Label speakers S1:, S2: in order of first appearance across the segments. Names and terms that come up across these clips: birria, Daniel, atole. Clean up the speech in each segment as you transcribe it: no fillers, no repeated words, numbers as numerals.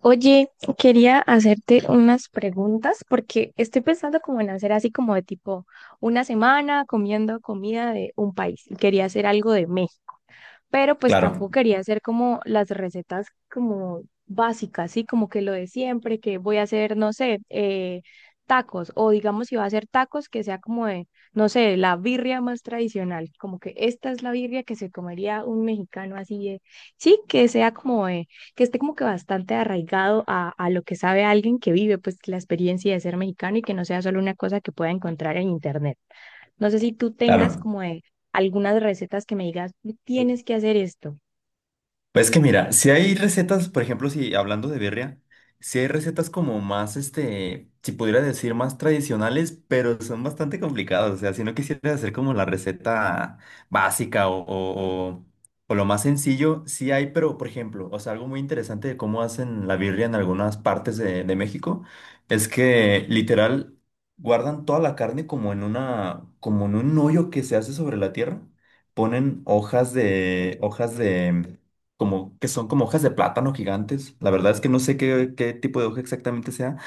S1: Oye, quería hacerte unas preguntas porque estoy pensando como en hacer así como de tipo una semana comiendo comida de un país y quería hacer algo de México, pero pues
S2: Claro,
S1: tampoco quería hacer como las recetas como básicas, ¿sí? Como que lo de siempre, que voy a hacer, no sé, tacos, o digamos si va a hacer tacos, que sea como de, no sé, la birria más tradicional, como que esta es la birria que se comería un mexicano así de, sí, que sea como de, que esté como que bastante arraigado a lo que sabe alguien que vive pues la experiencia de ser mexicano y que no sea solo una cosa que pueda encontrar en internet. No sé si tú tengas
S2: claro.
S1: como de algunas recetas que me digas, tienes que hacer esto.
S2: Pues que mira, si hay recetas, por ejemplo, si hablando de birria, si hay recetas como más, este, si pudiera decir más tradicionales, pero son bastante complicadas. O sea, si no quisieras hacer como la receta básica o- o lo más sencillo, sí hay, pero por ejemplo, o sea, algo muy interesante de cómo hacen la birria en algunas partes de México es que literal guardan toda la carne como en una, como en un hoyo que se hace sobre la tierra. Ponen hojas de, como que son como hojas de plátano gigantes. La verdad es que no sé qué, qué tipo de hoja exactamente sea.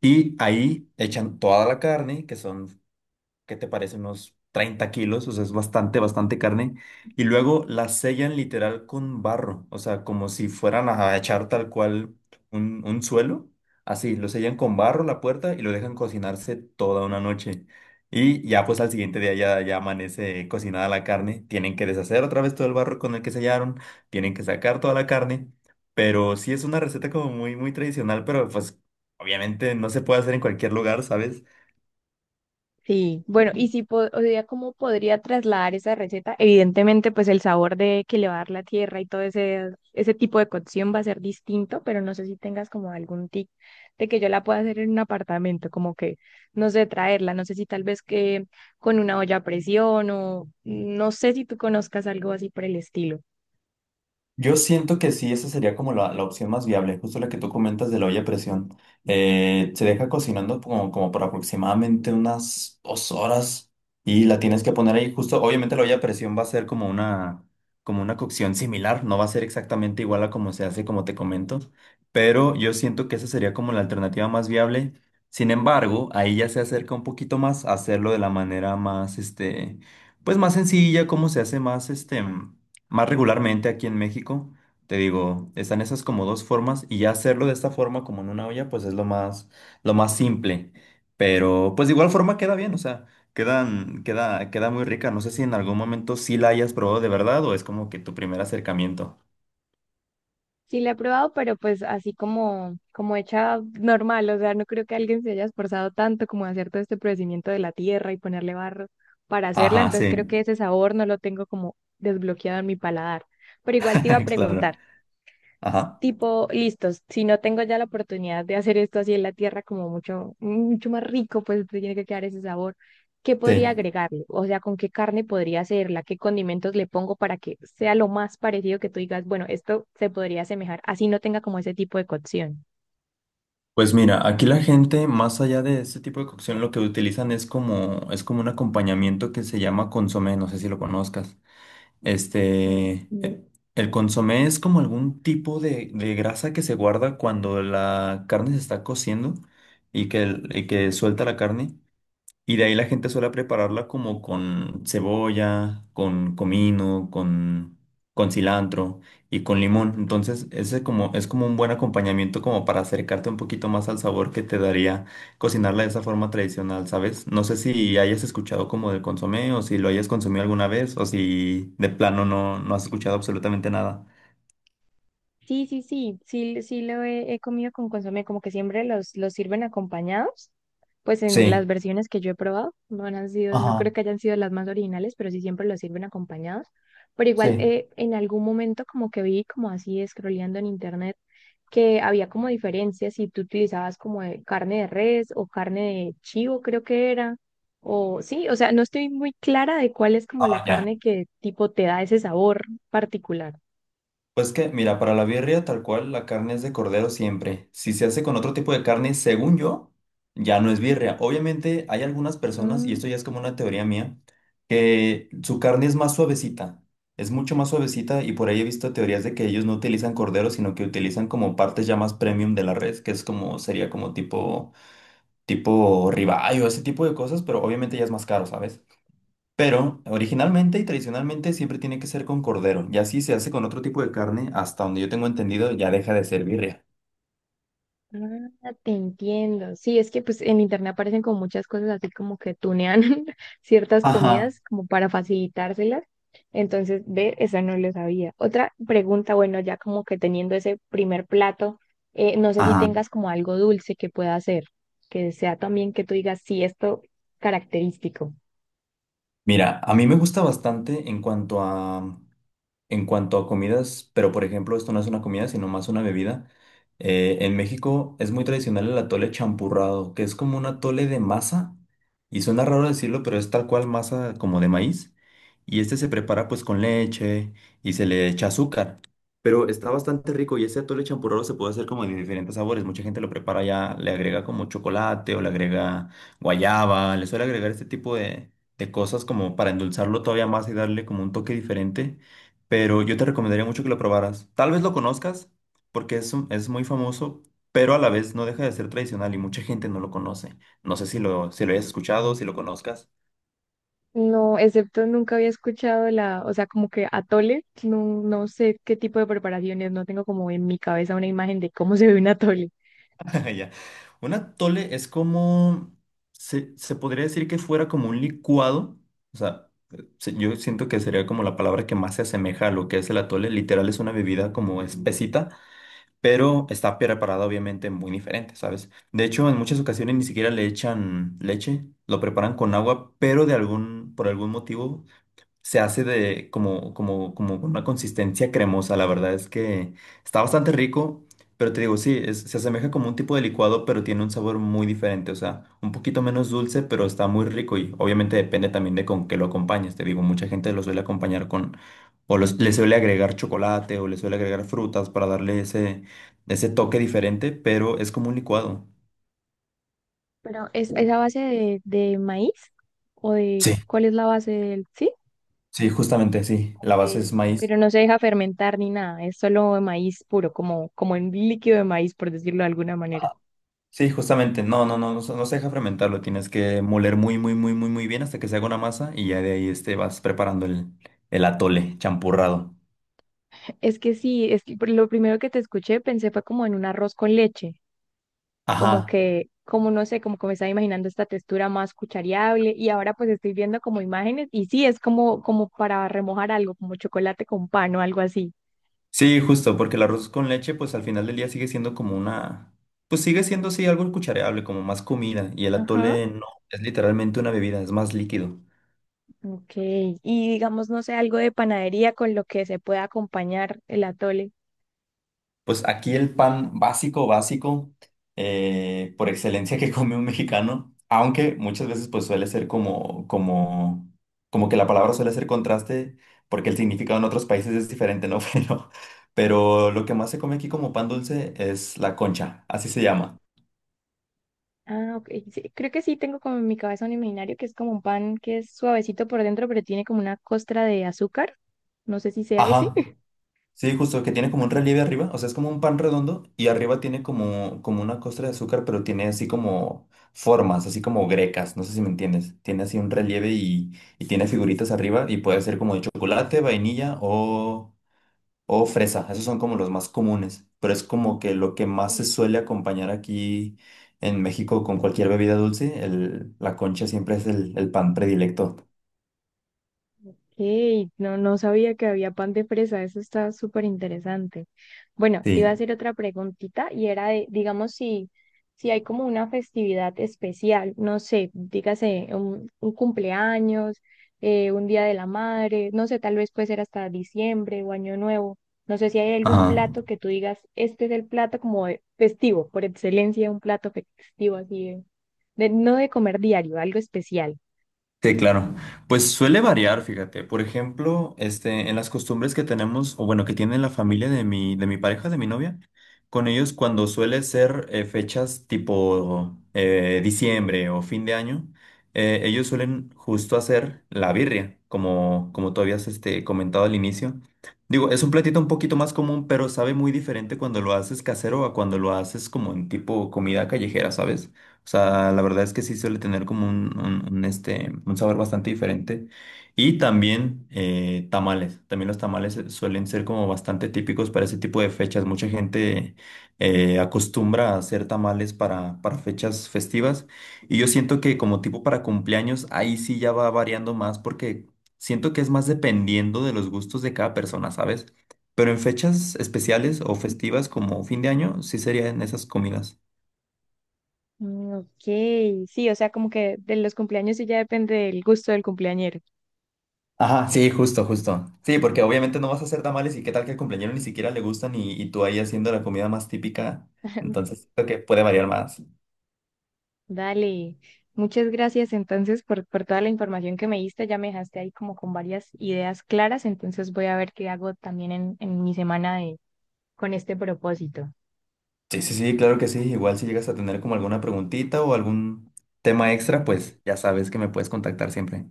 S2: Y ahí echan toda la carne, que son ¿qué te parece? Unos 30 kilos, o sea, es bastante, bastante carne. Y luego la sellan literal con barro, o sea, como si fueran a echar tal cual un suelo. Así, lo sellan con barro la puerta y lo dejan cocinarse toda una noche. Y ya pues al siguiente día ya, ya amanece cocinada la carne. Tienen que deshacer otra vez todo el barro con el que sellaron. Tienen que sacar toda la carne. Pero sí es una receta como muy, muy tradicional, pero pues obviamente no se puede hacer en cualquier lugar, ¿sabes?
S1: Sí, bueno, y si po- o sea, ¿cómo podría trasladar esa receta? Evidentemente, pues el sabor de que le va a dar la tierra y todo ese tipo de cocción va a ser distinto, pero no sé si tengas como algún tip de que yo la pueda hacer en un apartamento, como que, no sé, traerla, no sé si tal vez que con una olla a presión o no sé si tú conozcas algo así por el estilo.
S2: Yo siento que sí, esa sería como la opción más viable, justo la que tú comentas de la olla a presión. Se deja cocinando como, como por aproximadamente unas 2 horas y la tienes que poner ahí justo. Obviamente la olla a presión va a ser como una cocción similar, no va a ser exactamente igual a como se hace, como te comento, pero yo siento que esa sería como la alternativa más viable. Sin embargo, ahí ya se acerca un poquito más a hacerlo de la manera más, este, pues más sencilla, como se hace más, este... Más regularmente aquí en México, te digo, están esas como 2 formas y ya hacerlo de esta forma como en una olla, pues es lo más simple. Pero pues de igual forma queda bien, o sea, quedan, queda, queda muy rica. No sé si en algún momento sí la hayas probado de verdad o es como que tu primer acercamiento.
S1: Sí, la he probado, pero pues así como, como hecha normal, o sea, no creo que alguien se haya esforzado tanto como a hacer todo este procedimiento de la tierra y ponerle barro para hacerla,
S2: Ajá,
S1: entonces creo que
S2: sí,
S1: ese sabor no lo tengo como desbloqueado en mi paladar. Pero igual te iba a
S2: claro.
S1: preguntar
S2: Ajá,
S1: tipo, listos, si no tengo ya la oportunidad de hacer esto así en la tierra como mucho, mucho más rico, pues tiene que quedar ese sabor. ¿Qué podría
S2: sí.
S1: agregarle? O sea, ¿con qué carne podría hacerla? ¿Qué condimentos le pongo para que sea lo más parecido que tú digas, bueno, esto se podría asemejar, así no tenga como ese tipo de cocción?
S2: Pues mira, aquí la gente, más allá de este tipo de cocción, lo que utilizan es como un acompañamiento que se llama consomé, no sé si lo conozcas. Este, e- el consomé es como algún tipo de grasa que se guarda cuando la carne se está cociendo y que suelta la carne. Y de ahí la gente suele prepararla como con cebolla, con comino, con cilantro y con limón. Entonces, ese como, es como un buen acompañamiento como para acercarte un poquito más al sabor que te daría cocinarla de esa forma tradicional, ¿sabes? No sé si hayas escuchado como del consomé o si lo hayas consumido alguna vez o si de plano no, no has escuchado absolutamente nada.
S1: Sí, sí, sí, sí, sí lo he, he comido con consomé, como que siempre los sirven acompañados, pues en las
S2: Sí.
S1: versiones que yo he probado, no han sido, no
S2: Ajá,
S1: creo que hayan sido las más originales, pero sí siempre los sirven acompañados. Pero igual
S2: sí.
S1: en algún momento como que vi como así scrolleando en internet que había como diferencias si tú utilizabas como de carne de res o carne de chivo, creo que era, o sí, o sea, no estoy muy clara de cuál es como la
S2: Ah, ya.
S1: carne que tipo te da ese sabor particular.
S2: Pues que, mira, para la birria tal cual la carne es de cordero siempre. Si se hace con otro tipo de carne, según yo, ya no es birria. Obviamente hay algunas personas, y esto ya es como una teoría mía, que su carne es más suavecita, es mucho más suavecita y por ahí he visto teorías de que ellos no utilizan cordero, sino que utilizan como partes ya más premium de la red, que es como, sería como tipo, tipo ribeye o ese tipo de cosas, pero obviamente ya es más caro, ¿sabes? Pero originalmente y tradicionalmente siempre tiene que ser con cordero. Y así se hace con otro tipo de carne, hasta donde yo tengo entendido, ya deja de ser birria.
S1: Ah, te entiendo. Sí, es que pues en internet aparecen como muchas cosas así como que tunean ciertas
S2: Ajá.
S1: comidas como para facilitárselas. Entonces, ve, esa no lo sabía. Otra pregunta, bueno, ya como que teniendo ese primer plato, no sé si
S2: Ajá.
S1: tengas como algo dulce que pueda hacer, que sea también que tú digas, sí, esto característico.
S2: Mira, a mí me gusta bastante en cuanto a en cuanto a comidas, pero por ejemplo, esto no es una comida, sino más una bebida. En México es muy tradicional el atole champurrado, que es como un atole de masa, y suena raro decirlo, pero es tal cual masa como de maíz, y este se prepara pues con leche y se le echa azúcar, pero está bastante rico y ese atole champurrado se puede hacer como de diferentes sabores, mucha gente lo prepara ya, le agrega como chocolate o le agrega guayaba, le suele agregar este tipo de cosas como para endulzarlo todavía más y darle como un toque diferente, pero yo te recomendaría mucho que lo probaras. Tal vez lo conozcas porque es muy famoso, pero a la vez no deja de ser tradicional y mucha gente no lo conoce. No sé si lo, si lo hayas escuchado, si lo conozcas.
S1: No, excepto nunca había escuchado la, o sea, como que atole, no, no sé qué tipo de preparaciones, no tengo como en mi cabeza una imagen de cómo se ve un atole.
S2: Ya. Un atole es como, se podría decir que fuera como un licuado, o sea, yo siento que sería como la palabra que más se asemeja a lo que es el atole. Literal es una bebida como espesita, pero está preparado obviamente muy diferente, ¿sabes? De hecho, en muchas ocasiones ni siquiera le echan leche, lo preparan con agua, pero de algún, por algún motivo se hace de como, como, como con una consistencia cremosa. La verdad es que está bastante rico, pero te digo, sí, se asemeja como un tipo de licuado, pero tiene un sabor muy diferente. O sea, un poquito menos dulce, pero está muy rico y obviamente depende también de con qué lo acompañes. Te digo, mucha gente lo suele acompañar con, o los, le suele agregar chocolate o le suele agregar frutas para darle ese, ese toque diferente, pero es como un licuado.
S1: Pero es a base de maíz? ¿O de
S2: Sí.
S1: cuál es la base del...? Sí,
S2: Sí, justamente, sí. La
S1: ok.
S2: base es maíz.
S1: Pero no se deja fermentar ni nada, es solo maíz puro, como, como en líquido de maíz, por decirlo de alguna manera.
S2: Sí, justamente, no, no, no, no, se no se deja fermentar, lo tienes que moler muy, muy, muy, muy, muy bien hasta que se haga una masa y ya de ahí este, vas preparando el atole champurrado.
S1: Es que sí, es que por lo primero que te escuché pensé fue como en un arroz con leche, como
S2: Ajá,
S1: que, como no sé, como que me estaba imaginando esta textura más cuchareable y ahora pues estoy viendo como imágenes y sí, es como, como para remojar algo, como chocolate con pan o algo así.
S2: sí, justo, porque el arroz con leche, pues al final del día sigue siendo como una, pues sigue siendo, sí, algo cuchareable, como más comida, y el
S1: Ajá.
S2: atole no, es literalmente una bebida, es más líquido.
S1: Ok, y digamos, no sé, algo de panadería con lo que se pueda acompañar el atole.
S2: Pues aquí el pan básico, básico, por excelencia que come un mexicano, aunque muchas veces pues suele ser como, como, como que la palabra suele ser contraste, porque el significado en otros países es diferente, ¿no? Pero lo que más se come aquí como pan dulce es la concha, así se llama.
S1: Ah, ok, sí, creo que sí tengo como en mi cabeza un imaginario que es como un pan que es suavecito por dentro, pero tiene como una costra de azúcar. No sé si sea ese.
S2: Ajá. Sí, justo que tiene como un relieve arriba, o sea, es como un pan redondo y arriba tiene como, como una costra de azúcar, pero tiene así como formas, así como grecas, no sé si me entiendes. Tiene así un relieve y tiene figuritas arriba y puede ser como de chocolate, vainilla o fresa. Esos son como los más comunes, pero es como que lo que más se suele acompañar aquí en México con cualquier bebida dulce, el, la concha siempre es el pan predilecto.
S1: Hey, no, no sabía que había pan de fresa, eso está súper interesante. Bueno, te iba a
S2: Sí.
S1: hacer otra preguntita y era de, digamos, si, si hay como una festividad especial, no sé, dígase un cumpleaños, un día de la madre, no sé, tal vez puede ser hasta diciembre o año nuevo. No sé si hay algún
S2: Ajá.
S1: plato que tú digas, este es el plato como de festivo, por excelencia, un plato festivo así de- no de comer diario, algo especial.
S2: Sí, claro. Pues suele variar, fíjate. Por ejemplo, este, en las costumbres que tenemos, o bueno, que tiene la familia de mi pareja, de mi novia, con ellos cuando suele ser fechas tipo diciembre o fin de año, ellos suelen justo hacer la birria, como, como tú habías este, comentado al inicio. Digo, es un platito un poquito más común, pero sabe muy diferente cuando lo haces casero a cuando lo haces como en tipo comida callejera, ¿sabes? O sea, la verdad es que sí suele tener como un, este, un sabor bastante diferente. Y también tamales. También los tamales suelen ser como bastante típicos para ese tipo de fechas. Mucha gente acostumbra a hacer tamales para fechas festivas. Y yo siento que como tipo para cumpleaños, ahí sí ya va variando más porque siento que es más dependiendo de los gustos de cada persona, ¿sabes? Pero en fechas especiales o festivas como fin de año, sí serían esas comidas.
S1: Mm, ok, sí, o sea, como que de los cumpleaños sí ya depende del gusto del cumpleañero.
S2: Ajá, sí, justo, justo. Sí, porque obviamente no vas a hacer tamales y qué tal que al cumpleañero ni siquiera le gustan y tú ahí haciendo la comida más típica. Entonces, creo que puede variar más.
S1: Dale, muchas gracias entonces por toda la información que me diste, ya me dejaste ahí como con varias ideas claras, entonces voy a ver qué hago también en mi semana de, con este propósito.
S2: Sí, sí, sí, claro que sí. Igual si llegas a tener como alguna preguntita o algún tema extra, pues ya sabes que me puedes contactar siempre.